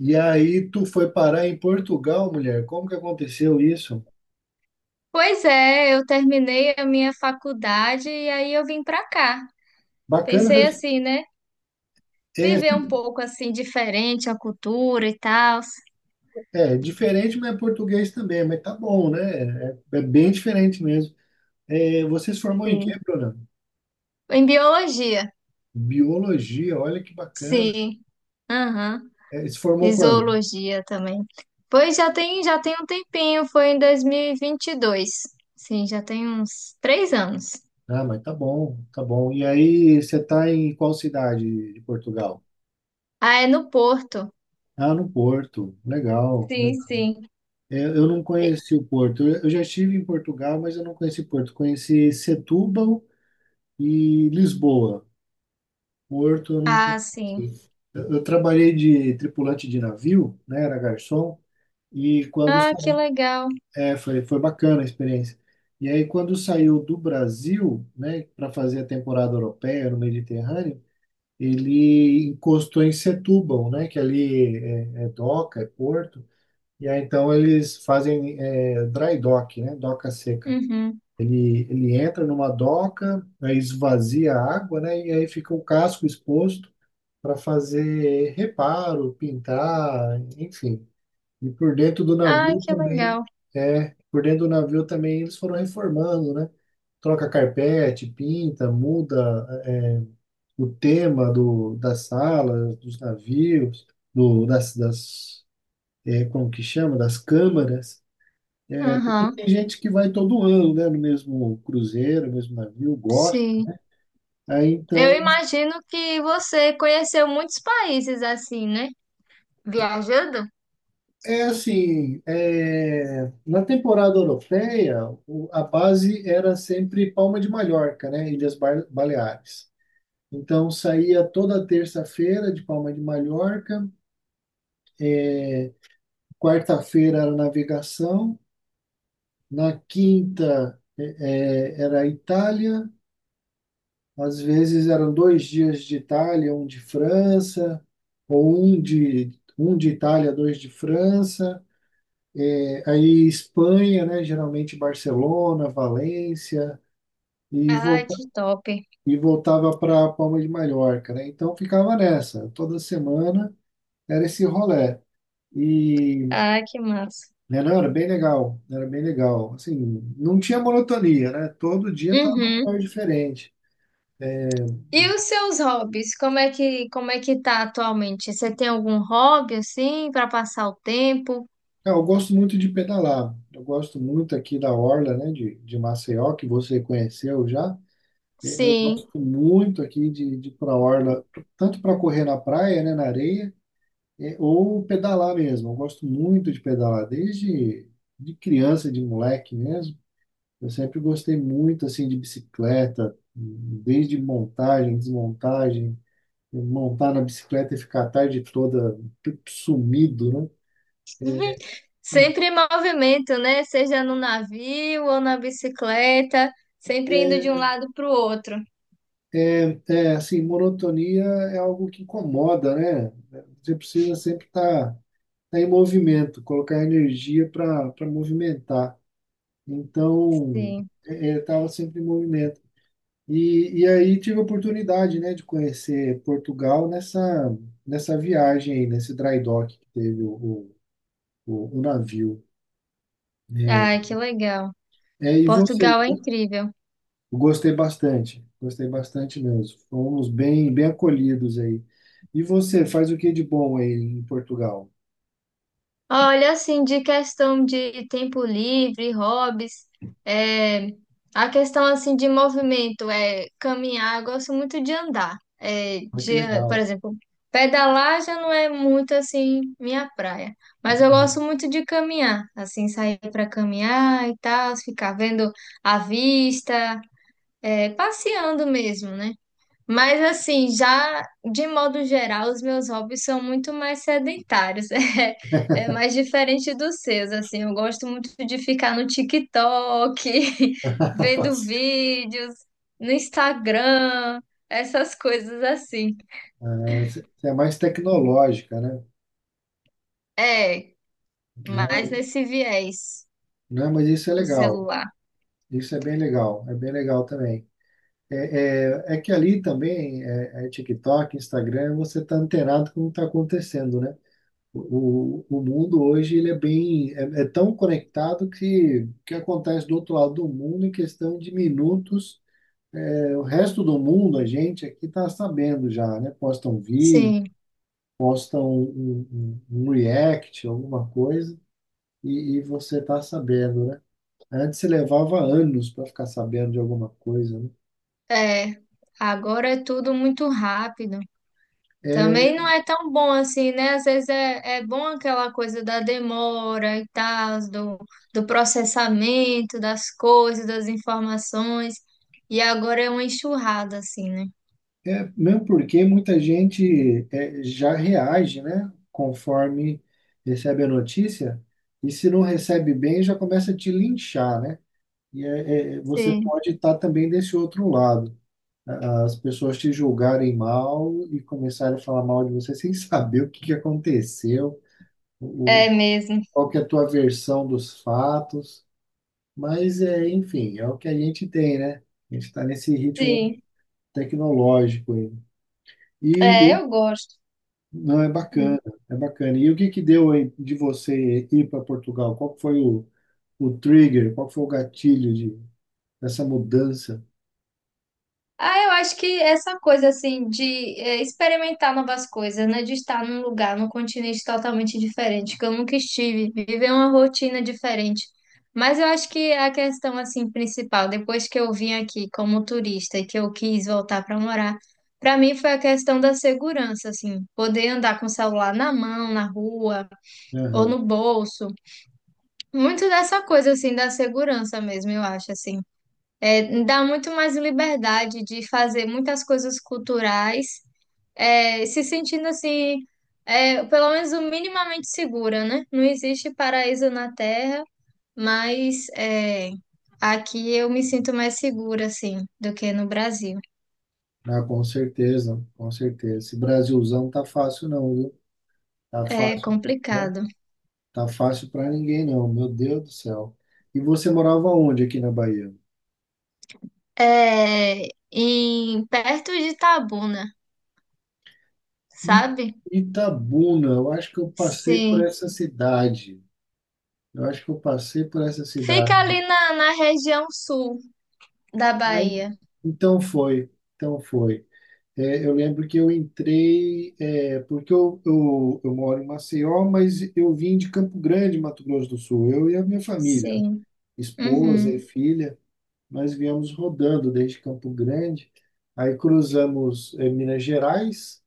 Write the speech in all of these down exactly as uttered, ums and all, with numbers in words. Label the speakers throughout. Speaker 1: E aí tu foi parar em Portugal, mulher. Como que aconteceu isso?
Speaker 2: Pois é, eu terminei a minha faculdade e aí eu vim pra cá.
Speaker 1: Bacana,
Speaker 2: Pensei assim, né?
Speaker 1: é,
Speaker 2: Viver um pouco assim diferente a cultura e tal.
Speaker 1: é diferente, mas é português também, mas tá bom, né? É, é bem diferente mesmo. É, você se formou em quê,
Speaker 2: Sim.
Speaker 1: Bruna?
Speaker 2: Em biologia,
Speaker 1: Biologia, olha que bacana.
Speaker 2: sim. Aham.
Speaker 1: É, se
Speaker 2: E
Speaker 1: formou quando?
Speaker 2: zoologia também. Pois já tem, já tem um tempinho, foi em dois mil e e vinte e dois. Sim, já tem uns três anos.
Speaker 1: Ah, mas tá bom, tá bom. E aí, você tá em qual cidade de Portugal?
Speaker 2: Ah, é no Porto.
Speaker 1: Ah, no Porto. Legal,
Speaker 2: Sim,
Speaker 1: legal.
Speaker 2: sim.
Speaker 1: É, eu não conheci o Porto. Eu eu já estive em Portugal, mas eu não conheci Porto. Conheci Setúbal e Lisboa. Porto, eu não
Speaker 2: Ah, sim.
Speaker 1: conheço. Eu, eu trabalhei de tripulante de navio, né? Era garçom. E quando
Speaker 2: Ah,
Speaker 1: sa-
Speaker 2: que legal.
Speaker 1: é, foi, foi bacana a experiência. E aí, quando saiu do Brasil, né, para fazer a temporada europeia no Mediterrâneo, ele encostou em Setúbal, né, que ali é, é doca, é porto. E aí, então, eles fazem é, dry dock, né, doca seca.
Speaker 2: Uhum.
Speaker 1: Ele, ele entra numa doca, aí esvazia a água, né, e aí fica o casco exposto. Para fazer reparo, pintar, enfim. E por dentro do
Speaker 2: Ah,
Speaker 1: navio
Speaker 2: que
Speaker 1: também,
Speaker 2: legal.
Speaker 1: é, por dentro do navio também eles foram reformando, né? Troca carpete, pinta, muda, é, o tema do, das salas, dos navios, do, das, das, é, como que chama? Das câmaras. Porque
Speaker 2: Aham,
Speaker 1: tem gente que vai todo ano, né? No mesmo cruzeiro, no mesmo navio, gosta.
Speaker 2: sim.
Speaker 1: Aí
Speaker 2: Eu
Speaker 1: então.
Speaker 2: imagino que você conheceu muitos países assim, né? Viajando?
Speaker 1: É assim, é, na temporada europeia, o- a base era sempre Palma de Mallorca, né? Ilhas Bar- Baleares. Então saía toda terça-feira de Palma de Mallorca, quarta-feira era navegação, na quinta é, é, era Itália, às vezes eram dois dias de Itália, um de França, ou um de, um de Itália, dois de França. É, aí Espanha, né? Geralmente Barcelona, Valência. e,
Speaker 2: Ai,
Speaker 1: volta,
Speaker 2: que top.
Speaker 1: e voltava para Palma de Mallorca, né? Então ficava nessa, toda semana era esse rolê. E
Speaker 2: Ai, que massa.
Speaker 1: né? Não, era bem legal, era bem legal. Assim, não tinha monotonia, né? Todo dia estava num
Speaker 2: Uhum.
Speaker 1: lugar diferente.
Speaker 2: E os seus hobbies? Como é que, como é que tá atualmente? Você tem algum hobby assim para passar o tempo?
Speaker 1: Cara, eu gosto muito de pedalar. Eu gosto muito aqui da Orla, né, de, de Maceió, que você conheceu já. É, eu
Speaker 2: Sim.
Speaker 1: gosto muito aqui de, de ir para a Orla, tanto para correr na praia, né, na areia. É, ou pedalar mesmo. Eu gosto muito de pedalar, desde de criança, de moleque mesmo. Eu sempre gostei muito assim de bicicleta, desde montagem, desmontagem, montar na bicicleta e ficar a tarde toda sumido, né?
Speaker 2: Sempre em movimento, né? Seja no navio ou na bicicleta, sempre indo de
Speaker 1: É,
Speaker 2: um lado para o outro.
Speaker 1: é, é, assim, monotonia é algo que incomoda, né? Você precisa sempre estar em movimento, colocar energia para para movimentar. Então,
Speaker 2: Sim.
Speaker 1: é, é, eu estava sempre em movimento. E, e aí tive a oportunidade, né, de conhecer Portugal nessa, nessa viagem aí, nesse dry dock que teve o, o, o, o navio.
Speaker 2: Ai, que legal.
Speaker 1: É, e você?
Speaker 2: Portugal é incrível.
Speaker 1: Eu gostei bastante, gostei bastante mesmo. Fomos bem, bem acolhidos aí. E você, faz o que de bom aí em Portugal?
Speaker 2: Olha, assim, de questão de tempo livre, hobbies, é, a questão, assim, de movimento, é caminhar, eu gosto muito de andar, é,
Speaker 1: Ah, que
Speaker 2: de, por
Speaker 1: legal.
Speaker 2: exemplo, pedalar já não é muito, assim, minha praia, mas eu gosto muito de caminhar, assim, sair para caminhar e tal, ficar vendo a vista, é, passeando mesmo, né? Mas assim, já de modo geral, os meus hobbies são muito mais sedentários, é, é mais diferente dos seus, assim, eu gosto muito de ficar no TikTok,
Speaker 1: Tá
Speaker 2: vendo
Speaker 1: certo.
Speaker 2: vídeos, no Instagram, essas coisas assim.
Speaker 1: Ah, você é mais tecnológica, né?
Speaker 2: É,
Speaker 1: Né?
Speaker 2: mais nesse viés,
Speaker 1: Não, mas isso é
Speaker 2: o
Speaker 1: legal.
Speaker 2: celular.
Speaker 1: Isso é bem legal. É bem legal também. É, é, é que ali também é, é TikTok, Instagram, você está antenado com o que está acontecendo, né? O, o mundo hoje ele é bem é, é tão conectado que o que acontece do outro lado do mundo em questão de minutos, é, o resto do mundo, a gente aqui está sabendo já, né? Posta um vídeo,
Speaker 2: Sim,
Speaker 1: posta um, um, um react, alguma coisa, e, e você está sabendo, né? Antes se levava anos para ficar sabendo de alguma coisa, né?
Speaker 2: é, agora é tudo muito rápido.
Speaker 1: É,
Speaker 2: Também não é tão bom assim, né? Às vezes é, é bom aquela coisa da demora e tal, do, do processamento das coisas, das informações. E agora é uma enxurrada, assim, né?
Speaker 1: É, mesmo porque muita gente é, já reage, né, conforme recebe a notícia, e se não recebe bem, já começa a te linchar, né? E é, é, você
Speaker 2: Sim,
Speaker 1: pode estar também desse outro lado. A- as pessoas te julgarem mal e começarem a falar mal de você sem saber o que que aconteceu, o,
Speaker 2: é mesmo.
Speaker 1: qual que é a tua versão dos fatos, mas é, enfim, é o que a gente tem, né? A gente está nesse ritmo
Speaker 2: Sim,
Speaker 1: tecnológico aí. E
Speaker 2: é, eu gosto.
Speaker 1: Não, é bacana, é bacana. E o que que deu aí de você ir para Portugal? Qual que foi o, o trigger? Qual que foi o gatilho de, dessa mudança?
Speaker 2: Ah, eu acho que essa coisa assim de é, experimentar novas coisas, né? De estar num lugar, num continente totalmente diferente, que eu nunca estive, viver uma rotina diferente. Mas eu acho que a questão assim principal, depois que eu vim aqui como turista e que eu quis voltar para morar, para mim foi a questão da segurança, assim, poder andar com o celular na mão, na rua ou
Speaker 1: Aham.
Speaker 2: no bolso. Muito dessa coisa assim da segurança mesmo, eu acho assim. É, dá muito mais liberdade de fazer muitas coisas culturais, é, se sentindo assim, é, pelo menos o minimamente segura, né? Não existe paraíso na Terra, mas é, aqui eu me sinto mais segura, assim, do que no Brasil.
Speaker 1: Ah, com certeza, com certeza. Esse Brasilzão tá fácil não, viu? Tá
Speaker 2: É
Speaker 1: fácil, né?
Speaker 2: complicado.
Speaker 1: Tá fácil para ninguém não, meu Deus do céu. E você morava onde aqui na Bahia?
Speaker 2: É, em, perto de Itabuna,
Speaker 1: I-
Speaker 2: sabe?
Speaker 1: Itabuna, eu acho que eu passei por
Speaker 2: Sim.
Speaker 1: essa cidade. Eu acho que eu passei por essa
Speaker 2: Fica
Speaker 1: cidade.
Speaker 2: ali na, na região sul da
Speaker 1: Ai,
Speaker 2: Bahia.
Speaker 1: então foi, então foi. É, eu lembro que eu entrei, é, porque eu, eu, eu moro em Maceió, mas eu vim de Campo Grande, Mato Grosso do Sul, eu e a minha família, né?
Speaker 2: Sim.
Speaker 1: Esposa e uhum,
Speaker 2: Uhum.
Speaker 1: filha, nós viemos rodando desde Campo Grande, aí cruzamos, é, Minas Gerais,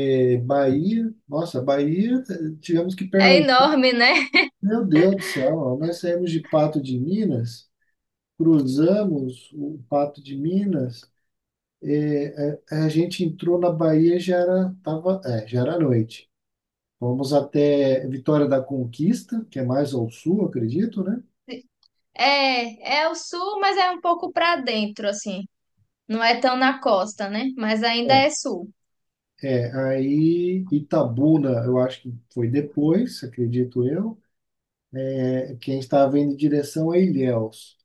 Speaker 1: é, Bahia, nossa, Bahia, eh, tivemos que
Speaker 2: É
Speaker 1: pernoitar,
Speaker 2: enorme, né?
Speaker 1: meu Deus do céu, nós saímos de Pato de Minas, cruzamos o Pato de Minas, a gente entrou na Bahia, já era, tava, é, já era noite. Fomos até Vitória da Conquista, que é mais ao sul, acredito, né?
Speaker 2: É, é o sul, mas é um pouco pra dentro, assim. Não é tão na costa, né? Mas ainda
Speaker 1: É.
Speaker 2: é sul.
Speaker 1: É, aí Itabuna, eu acho que foi depois, acredito eu. É, quem estava indo em direção a Ilhéus.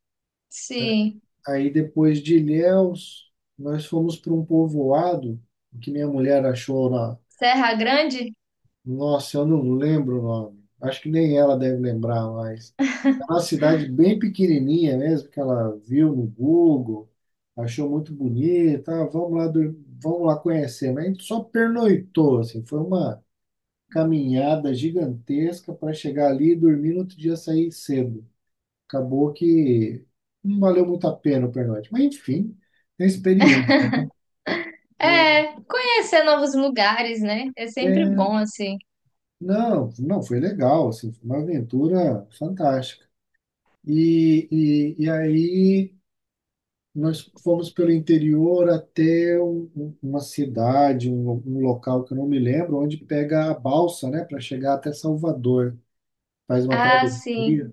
Speaker 2: Sim.
Speaker 1: Aí depois de Ilhéus, nós fomos para um povoado que minha mulher achou na.
Speaker 2: Serra Grande?
Speaker 1: Nossa, eu não lembro o nome. Acho que nem ela deve lembrar mais. Era uma cidade bem pequenininha mesmo, que ela viu no Google, achou muito bonita, ah, vamos lá, dur- vamos lá conhecer. Mas a gente só pernoitou, assim, foi uma caminhada gigantesca para chegar ali e dormir no outro dia sair cedo. Acabou que não valeu muito a pena o pernoite. Mas enfim, é experiência. E-
Speaker 2: É, conhecer novos lugares, né? É sempre
Speaker 1: é,
Speaker 2: bom, assim.
Speaker 1: não, não, foi legal, assim, foi uma aventura fantástica. E, e, e aí nós fomos pelo interior até um- um- uma cidade, um, um local que eu não me lembro, onde pega a balsa, né, para chegar até Salvador. Faz uma
Speaker 2: Ah, sim.
Speaker 1: travessia,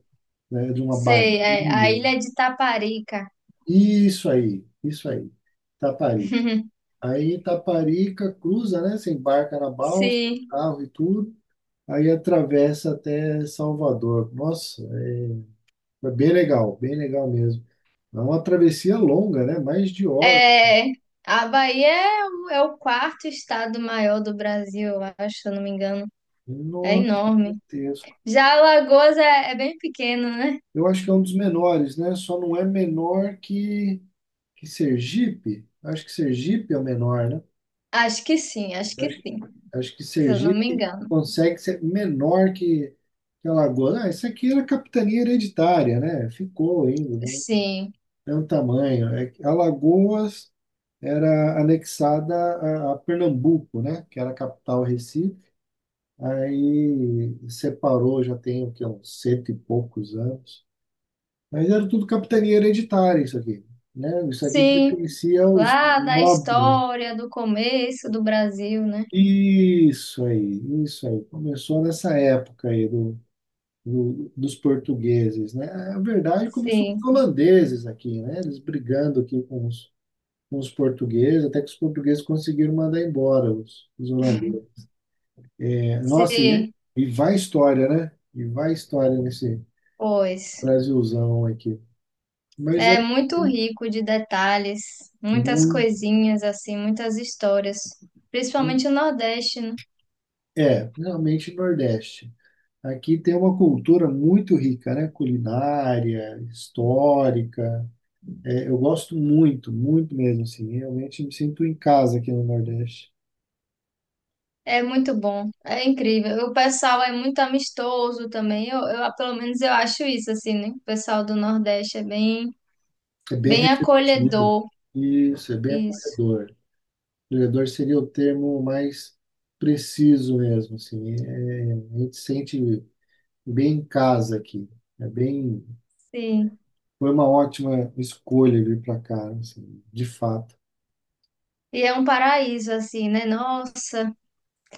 Speaker 1: né, de uma baía.
Speaker 2: Sei, é a Ilha de Taparica.
Speaker 1: Isso aí, isso aí, Itaparica. Aí Itaparica cruza, né? Você embarca na balsa,
Speaker 2: Sim.
Speaker 1: carro e tudo. Aí atravessa até Salvador. Nossa, é, foi bem legal, bem legal mesmo. É uma travessia longa, né? Mais de hora.
Speaker 2: É, a Bahia é, o é o quarto estado maior do Brasil, eu acho, se eu não me engano. É
Speaker 1: Nossa,
Speaker 2: enorme. Já Alagoas é, é bem pequeno, né?
Speaker 1: eu acho que é um dos menores, né? Só não é menor que, que Sergipe. Acho que Sergipe é o menor, né?
Speaker 2: Acho que sim, acho
Speaker 1: Eu
Speaker 2: que
Speaker 1: Acho,
Speaker 2: sim.
Speaker 1: acho que
Speaker 2: Se eu não me
Speaker 1: Sergipe
Speaker 2: engano.
Speaker 1: consegue ser menor que, que Alagoas. Ah, isso aqui era capitania hereditária, né? Ficou ainda, né?
Speaker 2: Sim,
Speaker 1: É um tamanho. É que Alagoas era anexada a, a Pernambuco, né? Que era a capital Recife. Aí separou, já tem o quê? Uns cento e poucos anos. Mas era tudo capitania hereditária isso aqui, né? Isso aqui
Speaker 2: sim,
Speaker 1: pertencia aos
Speaker 2: lá da
Speaker 1: nobres.
Speaker 2: história, do começo do Brasil, né?
Speaker 1: Isso aí, isso aí. Começou nessa época aí do, do- dos portugueses, né? Na verdade, começou com os
Speaker 2: Sim,
Speaker 1: holandeses aqui, né? Eles brigando aqui com os, com os portugueses, até que os portugueses conseguiram mandar embora os, os holandeses. É, nossa, e, é,
Speaker 2: sim,
Speaker 1: e vai história, né? E vai história nesse
Speaker 2: pois.
Speaker 1: Brasilzão aqui. Mas é
Speaker 2: É muito rico de detalhes, muitas
Speaker 1: muito,
Speaker 2: coisinhas, assim, muitas histórias. Principalmente o Nordeste, né?
Speaker 1: é, realmente Nordeste. Aqui tem uma cultura muito rica, né? Culinária, histórica. É, eu gosto muito, muito mesmo, assim. Realmente me sinto em casa aqui no Nordeste.
Speaker 2: É muito bom, é incrível. O pessoal é muito amistoso também. Eu, eu, pelo menos eu acho isso, assim, né? O pessoal do Nordeste é bem,
Speaker 1: É bem
Speaker 2: bem
Speaker 1: receptivo.
Speaker 2: acolhedor.
Speaker 1: Isso, é bem
Speaker 2: Isso,
Speaker 1: acolhedor. Acolhedor seria o termo mais preciso mesmo, assim. É, a gente sente bem em casa aqui. É bem,
Speaker 2: sim.
Speaker 1: foi uma ótima escolha vir para cá, assim, de fato.
Speaker 2: E é um paraíso, assim, né? Nossa.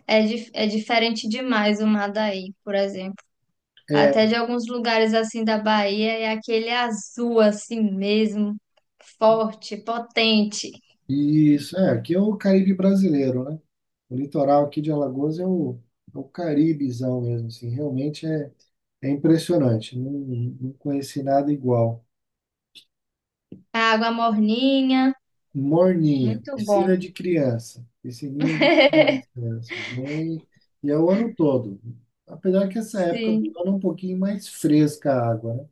Speaker 2: É, dif- é diferente demais o Madaí, por exemplo. Até
Speaker 1: É,
Speaker 2: de alguns lugares assim da Bahia é aquele azul assim mesmo, forte, potente.
Speaker 1: isso, é, aqui é o Caribe brasileiro, né? O litoral aqui de Alagoas é o, é o Caribezão mesmo, assim, realmente é, é impressionante, não, não conheci nada igual.
Speaker 2: A água morninha,
Speaker 1: Morninha,
Speaker 2: muito bom.
Speaker 1: piscina de criança, piscininha de criança, né, assim, bem, e é o ano todo, apesar que essa época do
Speaker 2: Sim,
Speaker 1: ano é um pouquinho mais fresca a água, né?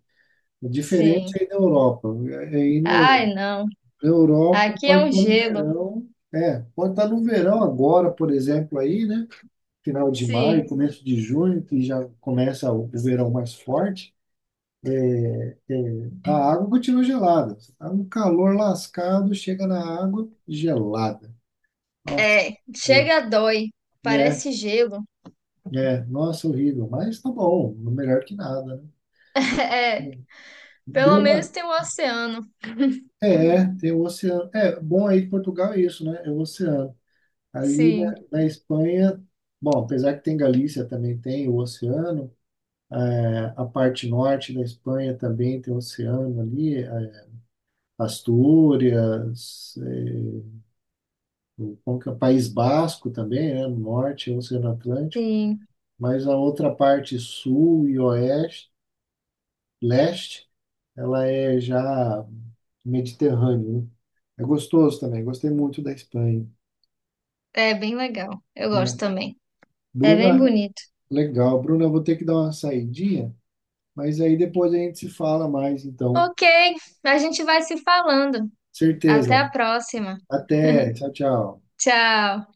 Speaker 1: É diferente
Speaker 2: sim.
Speaker 1: aí da Europa, aí no,
Speaker 2: Ai, não.
Speaker 1: na Europa
Speaker 2: Aqui é
Speaker 1: pode
Speaker 2: um
Speaker 1: estar no
Speaker 2: gelo.
Speaker 1: verão, é, pode estar no verão agora, por exemplo, aí, né? Final de maio,
Speaker 2: Sim.
Speaker 1: começo de junho, que já começa o o verão mais forte, a água continua gelada. Você tá um calor lascado, chega na água gelada. Nossa,
Speaker 2: É, chega a dói.
Speaker 1: né?
Speaker 2: Parece gelo.
Speaker 1: É, é, nossa, horrível, mas tá bom, melhor que nada,
Speaker 2: É,
Speaker 1: né?
Speaker 2: pelo
Speaker 1: Bruna,
Speaker 2: menos tem o oceano.
Speaker 1: é, tem o oceano. É, bom aí que Portugal é isso, né? É o oceano. Ali na,
Speaker 2: Sim,
Speaker 1: na Espanha, bom, apesar que tem Galícia, também tem o oceano, é, a parte norte da Espanha também tem o oceano ali, Astúrias, eh, o como que é? País Basco também, né? No Norte, Oceano Atlântico,
Speaker 2: sim.
Speaker 1: mas a outra parte sul e oeste, leste, ela é já Mediterrâneo, né? É gostoso também, gostei muito da Espanha,
Speaker 2: É bem legal. Eu gosto
Speaker 1: né?
Speaker 2: também. É bem
Speaker 1: Bruna,
Speaker 2: bonito.
Speaker 1: legal. Bruna, eu vou ter que dar uma saidinha, mas aí depois a gente se fala mais, então.
Speaker 2: Ok, a gente vai se falando. Até a
Speaker 1: Certeza.
Speaker 2: próxima.
Speaker 1: Até. Tchau, tchau.
Speaker 2: Tchau.